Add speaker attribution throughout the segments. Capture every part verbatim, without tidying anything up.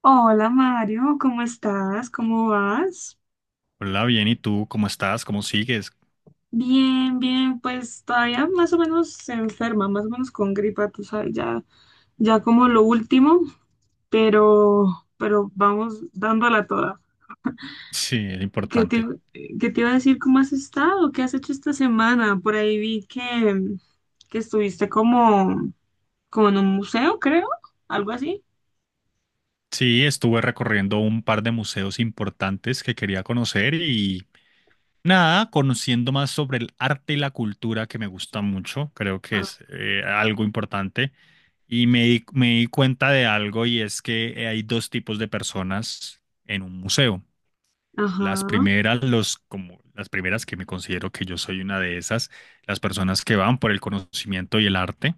Speaker 1: Hola Mario, ¿cómo estás? ¿Cómo vas?
Speaker 2: Hola, bien, ¿y tú cómo estás? ¿Cómo sigues?
Speaker 1: Bien, bien, pues todavía más o menos enferma, más o menos con gripa, tú sabes, ya, ya como lo último, pero, pero vamos dándola toda.
Speaker 2: Sí, es
Speaker 1: ¿Qué te,
Speaker 2: importante.
Speaker 1: qué te iba a decir? ¿Cómo has estado? ¿Qué has hecho esta semana? Por ahí vi que, que estuviste como, como en un museo, creo, algo así.
Speaker 2: Sí, estuve recorriendo un par de museos importantes que quería conocer y nada, conociendo más sobre el arte y la cultura que me gusta mucho, creo que
Speaker 1: Ah.
Speaker 2: es eh, algo importante. Y me di, me di cuenta de algo y es que hay dos tipos de personas en un museo. Las
Speaker 1: Ajá.
Speaker 2: primeras, los, como las primeras que me considero que yo soy una de esas, las personas que van por el conocimiento y el arte,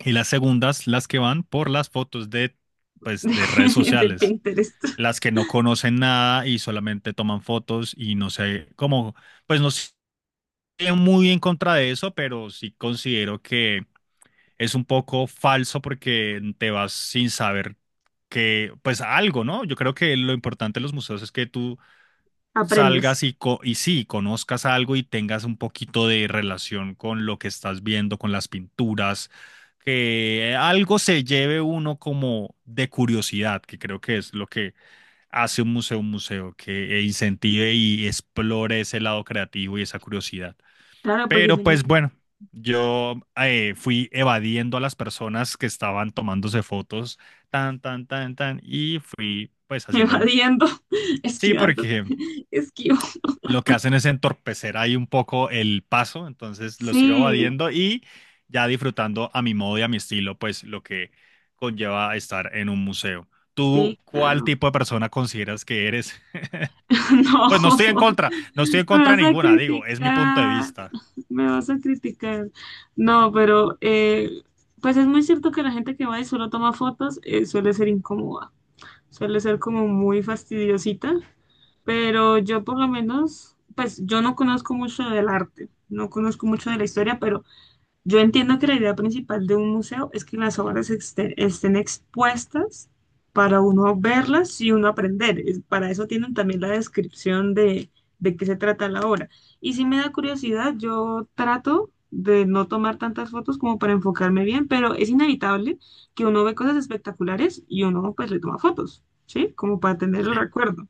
Speaker 2: y las segundas, las que van por las fotos de, pues, de redes
Speaker 1: De
Speaker 2: sociales,
Speaker 1: Pinterest.
Speaker 2: las que no conocen nada y solamente toman fotos y no sé, como, pues no estoy muy en contra de eso, pero sí considero que es un poco falso porque te vas sin saber que, pues algo, ¿no? Yo creo que lo importante de los museos es que tú
Speaker 1: Aprendas.
Speaker 2: salgas y, co- y sí, conozcas algo y tengas un poquito de relación con lo que estás viendo, con las pinturas, que algo se lleve uno como de curiosidad, que creo que es lo que hace un museo un museo, que incentive y explore ese lado creativo y esa curiosidad.
Speaker 1: Claro, porque
Speaker 2: Pero
Speaker 1: si no.
Speaker 2: pues bueno, yo eh, fui evadiendo a las personas que estaban tomándose fotos, tan, tan, tan, tan, y fui pues haciendo...
Speaker 1: Evadiendo,
Speaker 2: Sí,
Speaker 1: esquivando,
Speaker 2: porque
Speaker 1: esquivo.
Speaker 2: lo que hacen es entorpecer ahí un poco el paso, entonces los iba
Speaker 1: Sí,
Speaker 2: evadiendo y ya disfrutando a mi modo y a mi estilo, pues lo que conlleva estar en un museo. ¿Tú
Speaker 1: sí,
Speaker 2: cuál
Speaker 1: claro.
Speaker 2: tipo de persona consideras que eres? Pues no
Speaker 1: No,
Speaker 2: estoy en contra, no estoy en
Speaker 1: me
Speaker 2: contra
Speaker 1: vas
Speaker 2: de
Speaker 1: a
Speaker 2: ninguna, digo, es mi punto de
Speaker 1: criticar,
Speaker 2: vista.
Speaker 1: me vas a criticar. No, pero eh, pues es muy cierto que la gente que va y solo toma fotos eh, suele ser incómoda, suele ser como muy fastidiosita, pero yo por lo menos, pues yo no conozco mucho del arte, no conozco mucho de la historia, pero yo entiendo que la idea principal de un museo es que las obras exte- estén expuestas para uno verlas y uno aprender. Es- Para eso tienen también la descripción de, de qué se trata la obra. Y si me da curiosidad, yo trato de no tomar tantas fotos como para enfocarme bien, pero es inevitable que uno ve cosas espectaculares y uno pues le toma fotos, ¿sí? Como para tener el
Speaker 2: Sí,
Speaker 1: recuerdo.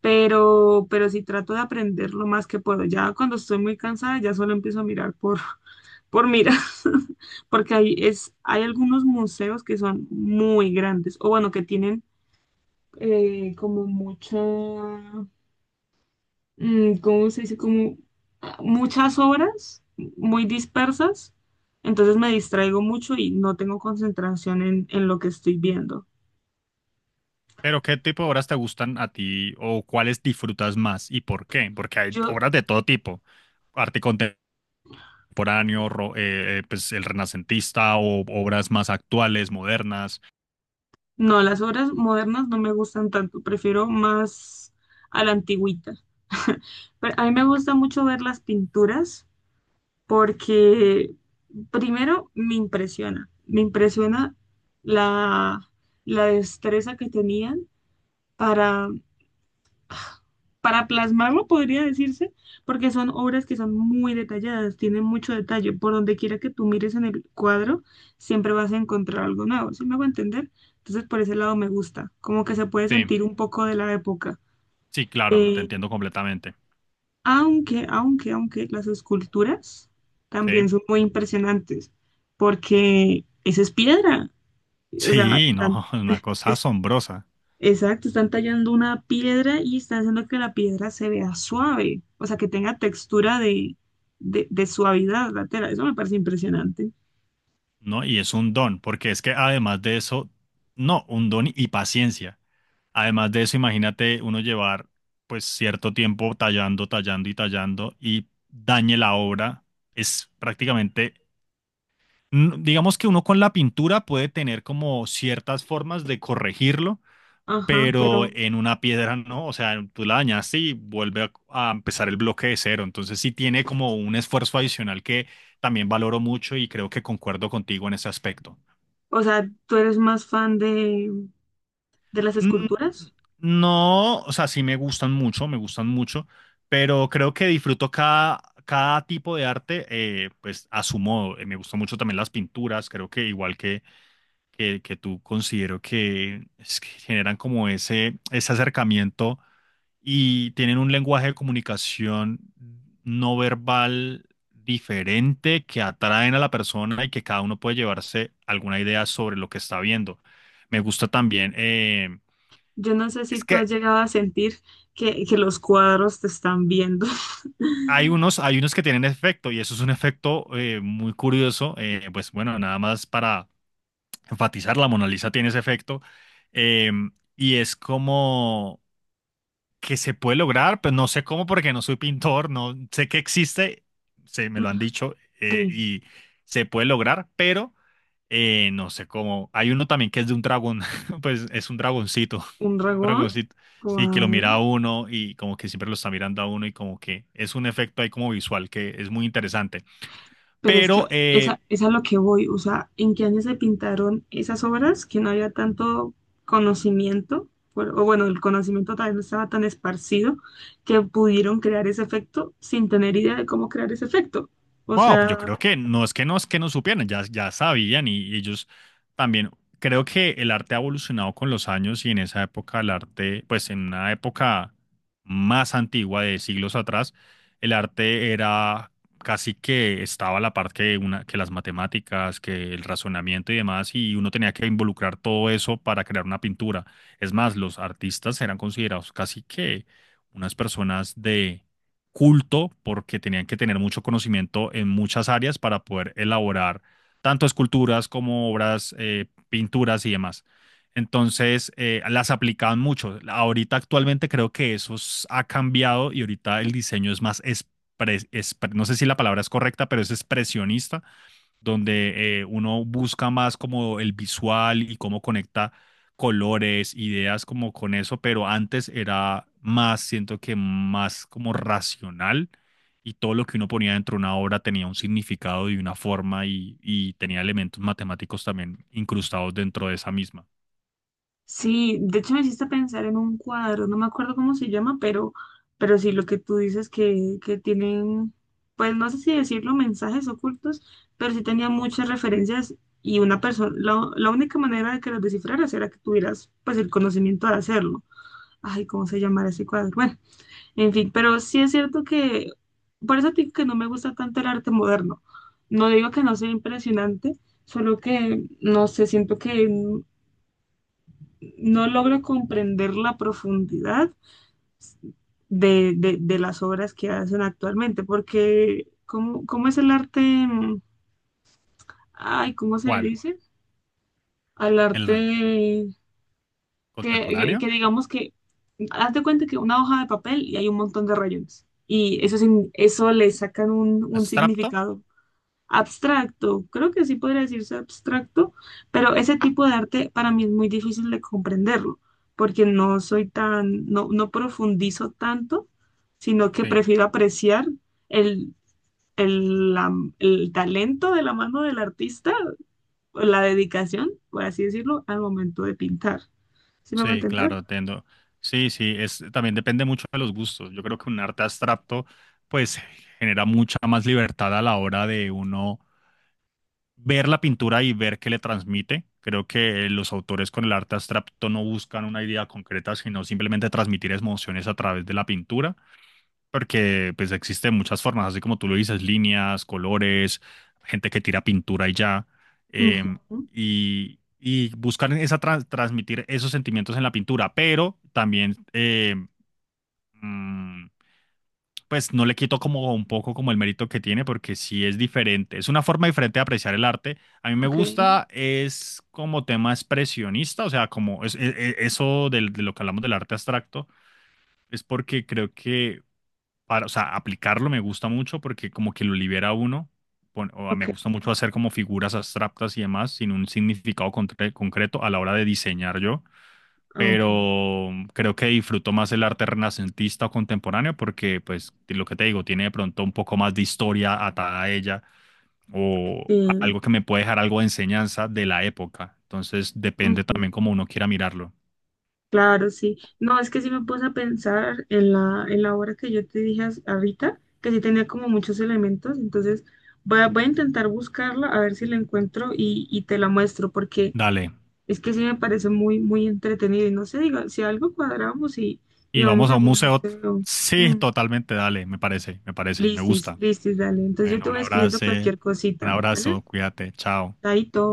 Speaker 1: Pero, pero sí trato de aprender lo más que puedo. Ya cuando estoy muy cansada, ya solo empiezo a mirar por por mira, porque hay, es, hay algunos museos que son muy grandes, o bueno, que tienen eh, como mucha, mm, ¿cómo se dice? Como ah, muchas obras muy dispersas, entonces me distraigo mucho y no tengo concentración en, en lo que estoy viendo.
Speaker 2: pero ¿qué tipo de obras te gustan a ti o cuáles disfrutas más y por qué? Porque hay
Speaker 1: Yo.
Speaker 2: obras de todo tipo, arte
Speaker 1: Ok.
Speaker 2: contemporáneo, ro- eh, eh, pues el renacentista o obras más actuales, modernas.
Speaker 1: No, las obras modernas no me gustan tanto, prefiero más a la antigüita. Pero a mí me gusta mucho ver las pinturas porque primero me impresiona, me impresiona la, la destreza que tenían para, para plasmarlo, podría decirse, porque son obras que son muy detalladas, tienen mucho detalle. Por donde quiera que tú mires en el cuadro, siempre vas a encontrar algo nuevo, ¿sí me hago entender? Entonces, por ese lado me gusta, como que se puede
Speaker 2: Sí.
Speaker 1: sentir un poco de la época.
Speaker 2: Sí, claro, te
Speaker 1: Eh,
Speaker 2: entiendo completamente.
Speaker 1: Aunque, aunque, aunque las esculturas también
Speaker 2: Sí.
Speaker 1: son muy impresionantes, porque esa es piedra. O sea,
Speaker 2: Sí, no,
Speaker 1: están,
Speaker 2: es una cosa
Speaker 1: es-
Speaker 2: asombrosa,
Speaker 1: exacto, están tallando una piedra y están haciendo que la piedra se vea suave, o sea, que tenga textura de, de, de suavidad la tela. Eso me parece impresionante.
Speaker 2: ¿no? Y es un don, porque es que además de eso, no, un don y paciencia. Además de eso, imagínate uno llevar pues cierto tiempo tallando, tallando y tallando y dañe la obra. Es prácticamente, n- digamos que uno con la pintura puede tener como ciertas formas de corregirlo,
Speaker 1: Ajá,
Speaker 2: pero
Speaker 1: pero,
Speaker 2: en una piedra no, o sea, tú la dañaste y vuelve a, a empezar el bloque de cero, entonces sí tiene como un esfuerzo adicional que también valoro mucho y creo que concuerdo contigo en ese aspecto.
Speaker 1: o sea, ¿tú eres más fan de, de las
Speaker 2: Mm,
Speaker 1: esculturas?
Speaker 2: No, o sea, sí me gustan mucho, me gustan mucho, pero creo que disfruto cada, cada tipo de arte, eh, pues a su modo. Eh, me gustan mucho también las pinturas, creo que igual que que, que tú considero que, es que generan como ese, ese acercamiento y tienen un lenguaje de comunicación no verbal diferente que atraen a la persona y que cada uno puede llevarse alguna idea sobre lo que está viendo. Me gusta también, eh,
Speaker 1: Yo no sé
Speaker 2: es
Speaker 1: si tú has
Speaker 2: que
Speaker 1: llegado a sentir que, que los cuadros te están viendo.
Speaker 2: hay unos, hay unos que tienen efecto y eso es un efecto eh, muy curioso, eh, pues bueno, nada más para enfatizar, la Mona Lisa tiene ese efecto, eh, y es como que se puede lograr, pero no sé cómo porque no soy pintor, no sé que existe, se me lo han dicho, eh,
Speaker 1: Sí.
Speaker 2: y se puede lograr, pero eh, no sé cómo. Hay uno también que es de un dragón, pues es un dragoncito,
Speaker 1: ¿Un
Speaker 2: un
Speaker 1: dragón?
Speaker 2: dragoncito, sí, que lo mira a
Speaker 1: ¿Cuál?
Speaker 2: uno y como que siempre lo está mirando a uno y como que es un efecto ahí como visual que es muy interesante.
Speaker 1: Pero es que
Speaker 2: Pero eh,
Speaker 1: esa, es a lo que voy, o sea, ¿en qué año se pintaron esas obras que no había tanto conocimiento? Por- O bueno, el conocimiento tal vez no estaba tan esparcido que pudieron crear ese efecto sin tener idea de cómo crear ese efecto. O
Speaker 2: Bueno, yo
Speaker 1: sea,
Speaker 2: creo que no es que no es que no supieran, ya, ya sabían y, y ellos también. Creo que el arte ha evolucionado con los años y en esa época el arte, pues en una época más antigua de siglos atrás, el arte era casi que estaba a la par que, una, que las matemáticas, que el razonamiento y demás, y uno tenía que involucrar todo eso para crear una pintura. Es más, los artistas eran considerados casi que unas personas de culto, porque tenían que tener mucho conocimiento en muchas áreas para poder elaborar tanto esculturas como obras, eh, pinturas y demás. Entonces, eh, las aplicaban mucho. Ahorita actualmente creo que eso s- ha cambiado y ahorita el diseño es más, expre- expre- no sé si la palabra es correcta, pero es expresionista, donde eh, uno busca más como el visual y cómo conecta colores, ideas como con eso, pero antes era más, siento que más como racional, y todo lo que uno ponía dentro de una obra tenía un significado y una forma y, y tenía elementos matemáticos también incrustados dentro de esa misma.
Speaker 1: sí, de hecho me hiciste pensar en un cuadro, no me acuerdo cómo se llama, pero, pero sí lo que tú dices que, que tienen, pues no sé si decirlo, mensajes ocultos, pero sí tenía muchas referencias y una persona, la, la única manera de que los descifraras era que tuvieras pues el conocimiento de hacerlo. Ay, ¿cómo se llamará ese cuadro? Bueno, en fin, pero sí es cierto que, por eso te digo que no me gusta tanto el arte moderno. No digo que no sea impresionante, solo que, no sé, siento que no logro comprender la profundidad de, de- de las obras que hacen actualmente, porque ¿cómo, cómo es el arte? mm, Ay, ¿cómo se le
Speaker 2: ¿Cuál?
Speaker 1: dice? Al
Speaker 2: ¿El
Speaker 1: arte que, que-
Speaker 2: contemporáneo?
Speaker 1: que digamos que, haz de cuenta que una hoja de papel y hay un montón de rayones. Y eso, sin- eso le sacan un, un
Speaker 2: ¿Abstracto?
Speaker 1: significado abstracto, creo que sí podría decirse abstracto, pero ese tipo de arte para mí es muy difícil de comprenderlo, porque no soy tan, no, no profundizo tanto, sino que
Speaker 2: Sí.
Speaker 1: prefiero apreciar el, el, la- el talento de la mano del artista, o la dedicación, por así decirlo, al momento de pintar. ¿Sí me voy a
Speaker 2: Sí,
Speaker 1: entender?
Speaker 2: claro, entiendo. Sí, sí, es, también depende mucho de los gustos. Yo creo que un arte abstracto, pues, genera mucha más libertad a la hora de uno ver la pintura y ver qué le transmite. Creo que los autores con el arte abstracto no buscan una idea concreta, sino simplemente transmitir emociones a través de la pintura. Porque pues existen muchas formas, así como tú lo dices, líneas, colores, gente que tira pintura y ya. em,
Speaker 1: Ujú.
Speaker 2: y, y buscar esa tra- transmitir esos sentimientos en la pintura, pero también em, mm, pues no le quito como un poco como el mérito que tiene, porque sí es diferente. Es una forma diferente de apreciar el arte. A mí me
Speaker 1: Ok,
Speaker 2: gusta, es como tema expresionista, o sea, como es, e- e- eso del- de lo que hablamos del arte abstracto, es porque creo que para, o sea, aplicarlo me gusta mucho porque como que lo libera a uno, pon- o a- me
Speaker 1: ok,
Speaker 2: gusta mucho hacer como figuras abstractas y demás sin un significado concre- concreto a la hora de diseñar yo,
Speaker 1: ok.
Speaker 2: pero mm, creo que disfruto más el arte renacentista o contemporáneo porque, pues, lo que te digo, tiene de pronto un poco más de historia atada a ella o a-
Speaker 1: Sí.
Speaker 2: algo que me puede dejar algo de enseñanza de la época. Entonces, depende también cómo uno quiera mirarlo.
Speaker 1: Claro, sí. No, es que sí me puse a pensar en la, en la obra que yo te dije as- ahorita, que sí tenía como muchos elementos, entonces voy a, voy a intentar buscarla, a ver si la encuentro y, y te la muestro, porque
Speaker 2: Dale.
Speaker 1: es que sí me parece muy, muy entretenido y no sé, diga, si algo cuadramos y, y
Speaker 2: Y
Speaker 1: vamos
Speaker 2: vamos
Speaker 1: a
Speaker 2: a un
Speaker 1: algún
Speaker 2: museo.
Speaker 1: museo.
Speaker 2: Sí,
Speaker 1: Mm,
Speaker 2: totalmente, dale, me parece, me parece, me
Speaker 1: Listis,
Speaker 2: gusta.
Speaker 1: listis, dale. Entonces yo te
Speaker 2: Bueno, un
Speaker 1: voy escribiendo
Speaker 2: abrazo,
Speaker 1: cualquier
Speaker 2: un
Speaker 1: cosita, ¿vale?
Speaker 2: abrazo, cuídate, chao.
Speaker 1: Chaito.